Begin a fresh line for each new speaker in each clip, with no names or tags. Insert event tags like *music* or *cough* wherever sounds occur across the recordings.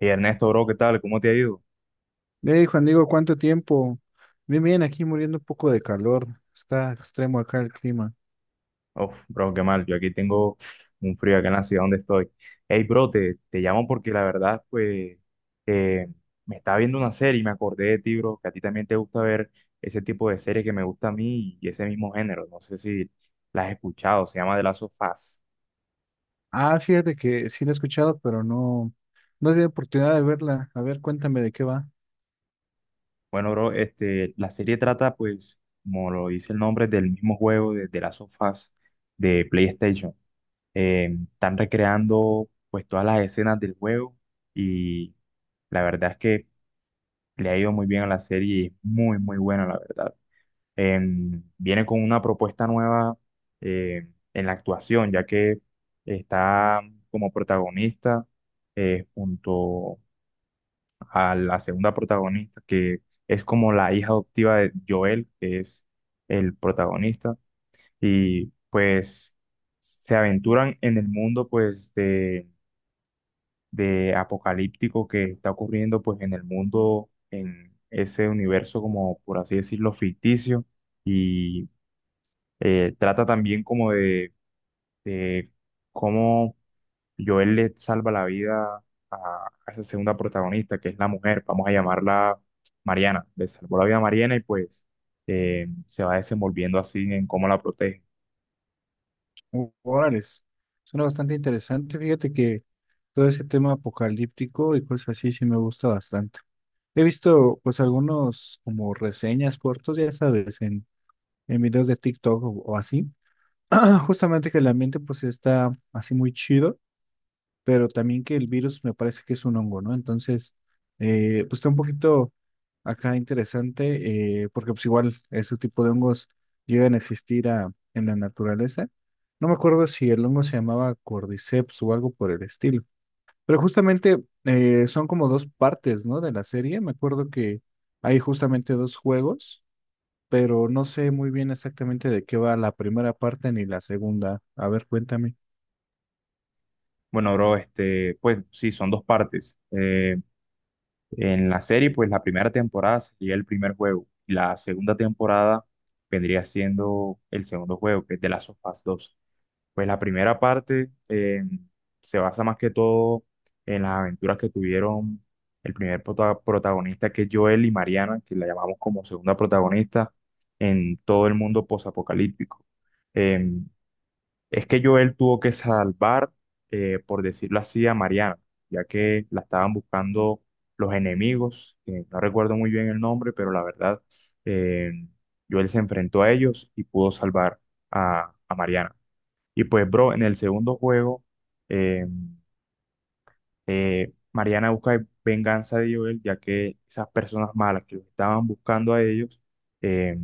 Y Ernesto, bro, ¿qué tal? ¿Cómo te ha ido?
Hey, Juan Diego, ¿cuánto tiempo? Bien, bien, aquí muriendo un poco de calor. Está extremo acá el clima.
Uf, bro, qué mal. Yo aquí tengo un frío acá en la ciudad donde estoy. Hey, bro, te llamo porque la verdad, pues, eh, me estaba viendo una serie y me acordé de ti, bro, que a ti también te gusta ver ese tipo de serie que me gusta a mí y ese mismo género. No sé si la has escuchado, se llama The Last of Us.
Ah, fíjate que sí la he escuchado, pero no, no he tenido oportunidad de verla. A ver, cuéntame de qué va.
Bueno, bro, este, la serie trata, pues, como lo dice el nombre, del mismo juego de The Last of Us de PlayStation. Están recreando pues todas las escenas del juego y la verdad es que le ha ido muy bien a la serie y es muy muy buena la verdad. Viene con una propuesta nueva, en la actuación ya que está como protagonista, junto a la segunda protagonista, que es como la hija adoptiva de Joel, que es el protagonista. Y pues se aventuran en el mundo pues de apocalíptico que está ocurriendo pues en el mundo, en ese universo como por así decirlo ficticio. Y trata también como de cómo Joel le salva la vida a, a esa segunda protagonista, que es la mujer, vamos a llamarla Mariana. Le salvó la vida a Mariana y pues se va desenvolviendo así en cómo la protege.
Órales. Suena bastante interesante. Fíjate que todo ese tema apocalíptico y cosas así sí me gusta bastante. He visto pues algunos como reseñas cortos, ya sabes, en videos de TikTok o así. *clears throat* Justamente que el ambiente pues está así muy chido, pero también que el virus me parece que es un hongo, ¿no? Entonces, pues está un poquito acá interesante, porque pues igual ese tipo de hongos llegan a existir en la naturaleza. No me acuerdo si el hongo se llamaba Cordyceps o algo por el estilo, pero justamente son como dos partes, ¿no? De la serie. Me acuerdo que hay justamente dos juegos. Pero no sé muy bien exactamente de qué va la primera parte ni la segunda. A ver, cuéntame.
Bueno, bro, este, pues sí, son dos partes. En la serie, pues la primera temporada sería el primer juego y la segunda temporada vendría siendo el segundo juego, que es The Last of Us 2. Pues la primera parte se basa más que todo en las aventuras que tuvieron el protagonista, que es Joel, y Mariana, que la llamamos como segunda protagonista, en todo el mundo posapocalíptico. Em, es que Joel tuvo que salvar, por decirlo así, a Mariana, ya que la estaban buscando los enemigos, que no recuerdo muy bien el nombre. Pero la verdad, eh, Joel se enfrentó a ellos y pudo salvar a Mariana. Y pues, bro, en el segundo juego, eh, Mariana busca venganza de Joel, ya que esas personas malas que los estaban buscando a ellos, eh,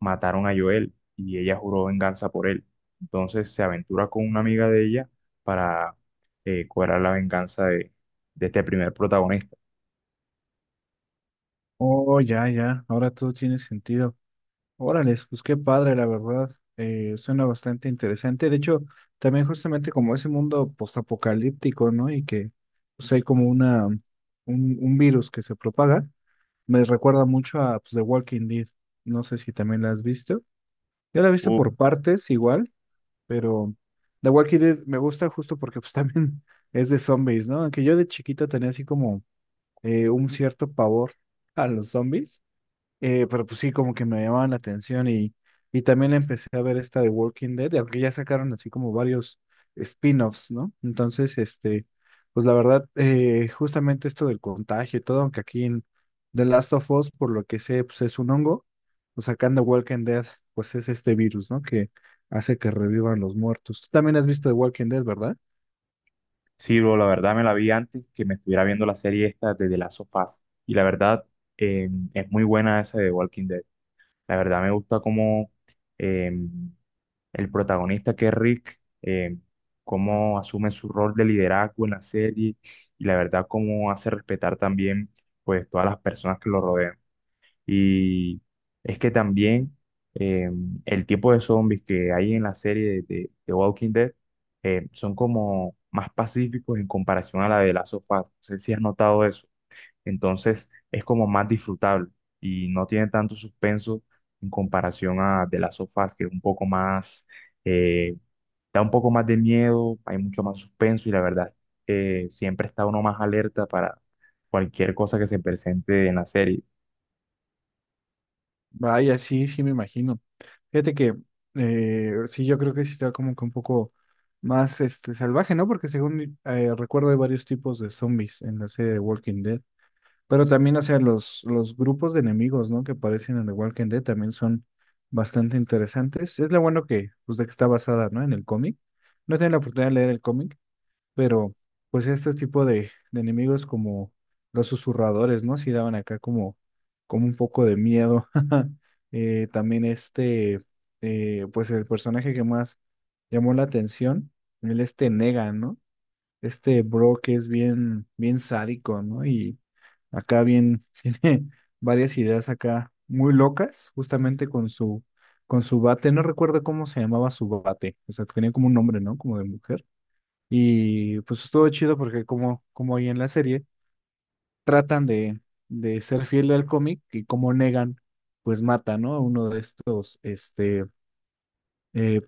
mataron a Joel y ella juró venganza por él. Entonces se aventura con una amiga de ella para cobrar la venganza de este primer protagonista.
Oh, ya, ya, ahora todo tiene sentido. Órales, pues qué padre, la verdad. Suena bastante interesante. De hecho, también justamente como ese mundo postapocalíptico, ¿no? Y que pues hay como un virus que se propaga, me recuerda mucho a pues, The Walking Dead. No sé si también la has visto. Yo la he visto
Uh,
por partes igual, pero The Walking Dead me gusta justo porque pues *laughs* también es de zombies, ¿no? Aunque yo de chiquito tenía así como un cierto pavor a los zombies, pero pues sí, como que me llamaban la atención, y también empecé a ver esta de Walking Dead, y aunque ya sacaron así como varios spin-offs, ¿no? Entonces, este, pues la verdad, justamente esto del contagio y todo, aunque aquí en The Last of Us, por lo que sé, pues es un hongo, pues sacando Walking Dead, pues es este virus, ¿no? Que hace que revivan los muertos. Tú también has visto The Walking Dead, ¿verdad?
sí, bro, la verdad me la vi antes que me estuviera viendo la serie esta de The Last of Us. Y la verdad eh, es muy buena esa de Walking Dead. La verdad me gusta cómo em, el protagonista, que es Rick, cómo asume su rol de liderazgo en la serie y la verdad cómo hace respetar también pues todas las personas que lo rodean. Y es que también, eh, el tipo de zombies que hay en la serie de Walking Dead, son como más pacíficos en comparación a la de Last of Us. No sé si has notado eso. Entonces es como más disfrutable y no tiene tanto suspenso en comparación a de las sofás, que es un poco más, eh, da un poco más de miedo, hay mucho más suspenso. Y la verdad, siempre está uno más alerta para cualquier cosa que se presente en la serie.
Vaya, sí, sí me imagino. Fíjate que sí, yo creo que sí está como que un poco más este, salvaje, ¿no? Porque según recuerdo hay varios tipos de zombies en la serie de Walking Dead. Pero también, o sea, los grupos de enemigos, ¿no? Que aparecen en The Walking Dead también son bastante interesantes. Es lo bueno que, pues, de que está basada, ¿no? En el cómic. No he tenido la oportunidad de leer el cómic, pero pues este tipo de enemigos como los susurradores, ¿no? Sí daban acá como, como un poco de miedo. *laughs* También este, pues el personaje que más llamó la atención, el este Negan, ¿no? Este bro que es bien, bien sádico, ¿no? Y acá bien, *laughs* tiene varias ideas acá muy locas, justamente con con su bate. No recuerdo cómo se llamaba su bate, o sea, tenía como un nombre, ¿no? Como de mujer, y pues estuvo chido porque como, como ahí en la serie tratan de ser fiel al cómic y como Negan pues mata, ¿no? A uno de estos este, eh,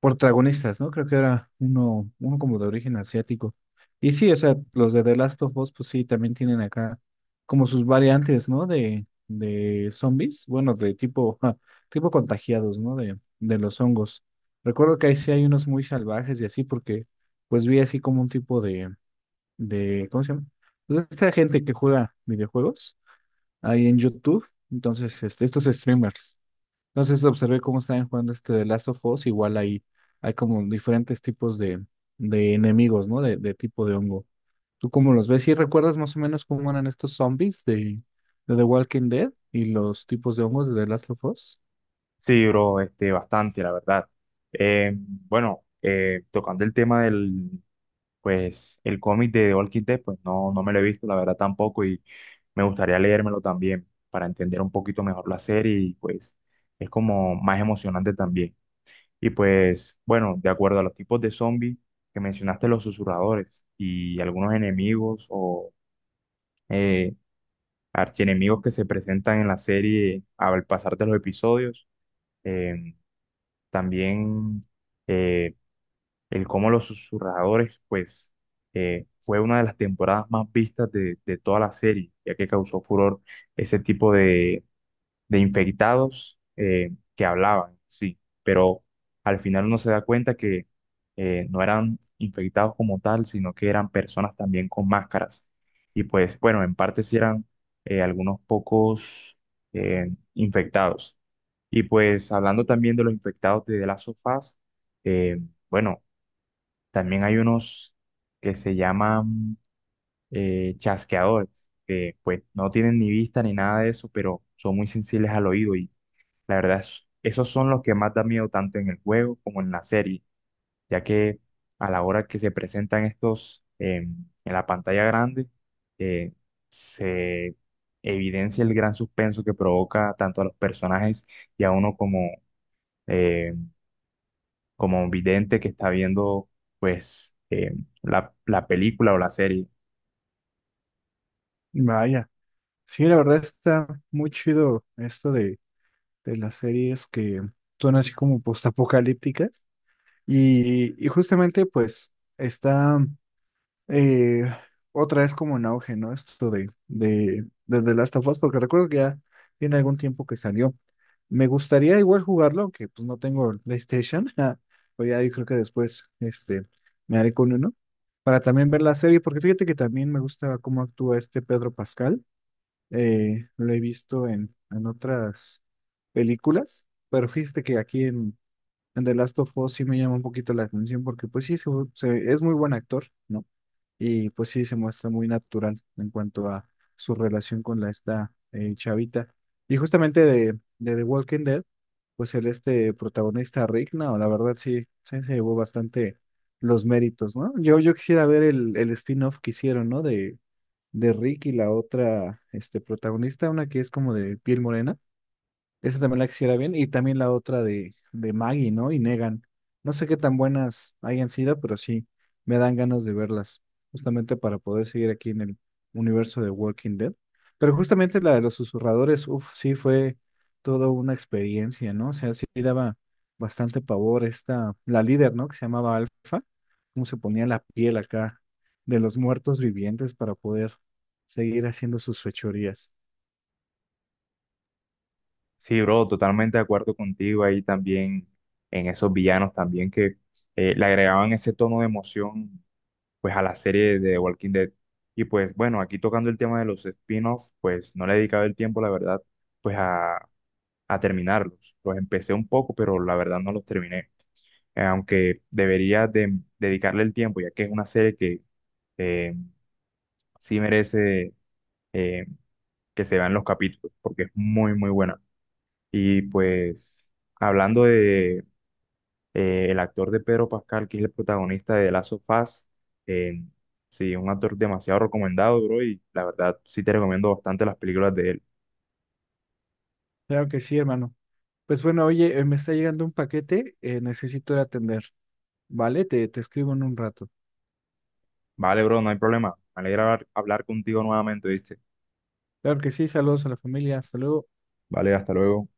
protagonistas, ¿no? Creo que era uno como de origen asiático. Y sí, o sea, los de The Last of Us pues sí, también tienen acá como sus variantes, ¿no? De zombies, bueno, de tipo, ja, tipo contagiados, ¿no? De los hongos. Recuerdo que ahí sí hay unos muy salvajes y así porque pues vi así como un tipo de, ¿cómo se llama? Pues esta gente que juega videojuegos ahí en YouTube, entonces este, estos streamers. Entonces observé cómo estaban jugando este de Last of Us, igual ahí hay como diferentes tipos de enemigos, ¿no? De tipo de hongo. ¿Tú cómo los ves? ¿Y recuerdas más o menos cómo eran estos zombies de The Walking Dead y los tipos de hongos de The Last of Us?
Sí, bro, este, bastante, la verdad. Bueno, tocando el tema del, pues el cómic de All Walking Dead, pues no, no me lo he visto, la verdad tampoco, y me gustaría leérmelo también para entender un poquito mejor la serie, y pues es como más emocionante también. Y pues bueno, de acuerdo a los tipos de zombies que mencionaste, los susurradores y algunos enemigos o eh, archienemigos que se presentan en la serie al pasar de los episodios, eh, también, eh, el cómo los susurradores, pues, fue una de las temporadas más vistas de toda la serie, ya que causó furor ese tipo de infectados, que hablaban, sí, pero al final uno se da cuenta que no eran infectados como tal, sino que eran personas también con máscaras. Y pues, bueno, en parte sí eran, algunos pocos, infectados. Y pues, hablando también de los infectados de las sofás, bueno, también hay unos que se llaman chasqueadores, que pues no tienen ni vista ni nada de eso, pero son muy sensibles al oído. Y la verdad esos son los que más da miedo, tanto en el juego como en la serie, ya que a la hora que se presentan estos en la pantalla grande, eh, se evidencia el gran suspenso que provoca tanto a los personajes y a uno como, eh, como un vidente que está viendo pues la, la película o la serie.
Vaya, sí, la verdad está muy chido esto de las series que son así como postapocalípticas. Y justamente pues está eh, otra vez como en auge, ¿no? Esto de The Last of Us, porque recuerdo que ya tiene algún tiempo que salió. Me gustaría igual jugarlo, aunque pues no tengo el PlayStation. *laughs* ja, pues ya yo creo que después este, me haré con uno. Para también ver la serie, porque fíjate que también me gusta cómo actúa este Pedro Pascal. Eh, lo he visto en otras películas, pero fíjate que aquí en The Last of Us sí me llama un poquito la atención porque pues sí, es muy buen actor, ¿no? Y pues sí, se muestra muy natural en cuanto a su relación con la esta chavita. Y justamente de The Walking Dead, pues el este protagonista Rick, no, la verdad sí, sí se llevó bastante los méritos, ¿no? Yo quisiera ver el spin-off que hicieron, ¿no? De Rick y la otra este, protagonista, una que es como de piel morena. Esa también la quisiera bien. Y también la otra de Maggie, ¿no? Y Negan. No sé qué tan buenas hayan sido, pero sí me dan ganas de verlas, justamente para poder seguir aquí en el universo de Walking Dead. Pero justamente la de los susurradores, uff, sí fue toda una experiencia, ¿no? O sea, sí daba bastante pavor esta, la líder, ¿no? Que se llamaba Alfa, cómo se ponía la piel acá de los muertos vivientes para poder seguir haciendo sus fechorías.
Sí, bro, totalmente de acuerdo contigo ahí también, en esos villanos también que le agregaban ese tono de emoción pues a la serie de Walking Dead. Y pues bueno, aquí tocando el tema de los spin-offs, pues no le he dedicado el tiempo, la verdad, pues a terminarlos. Los empecé un poco, pero la verdad no los terminé. Aunque debería de dedicarle el tiempo, ya que es una serie que eh, sí merece, eh, que se vean los capítulos, porque es muy, muy buena. Y pues, hablando de el actor de Pedro Pascal, que es el protagonista de The Last of Us, eh, sí, un actor demasiado recomendado, bro, y la verdad sí te recomiendo bastante las películas de él.
Claro que sí, hermano. Pues bueno, oye, me está llegando un paquete, necesito ir a atender, ¿vale? Te escribo en un rato.
Vale, bro, no hay problema. Me alegra hablar contigo nuevamente, ¿viste?
Claro que sí, saludos a la familia, hasta luego.
Vale, hasta luego.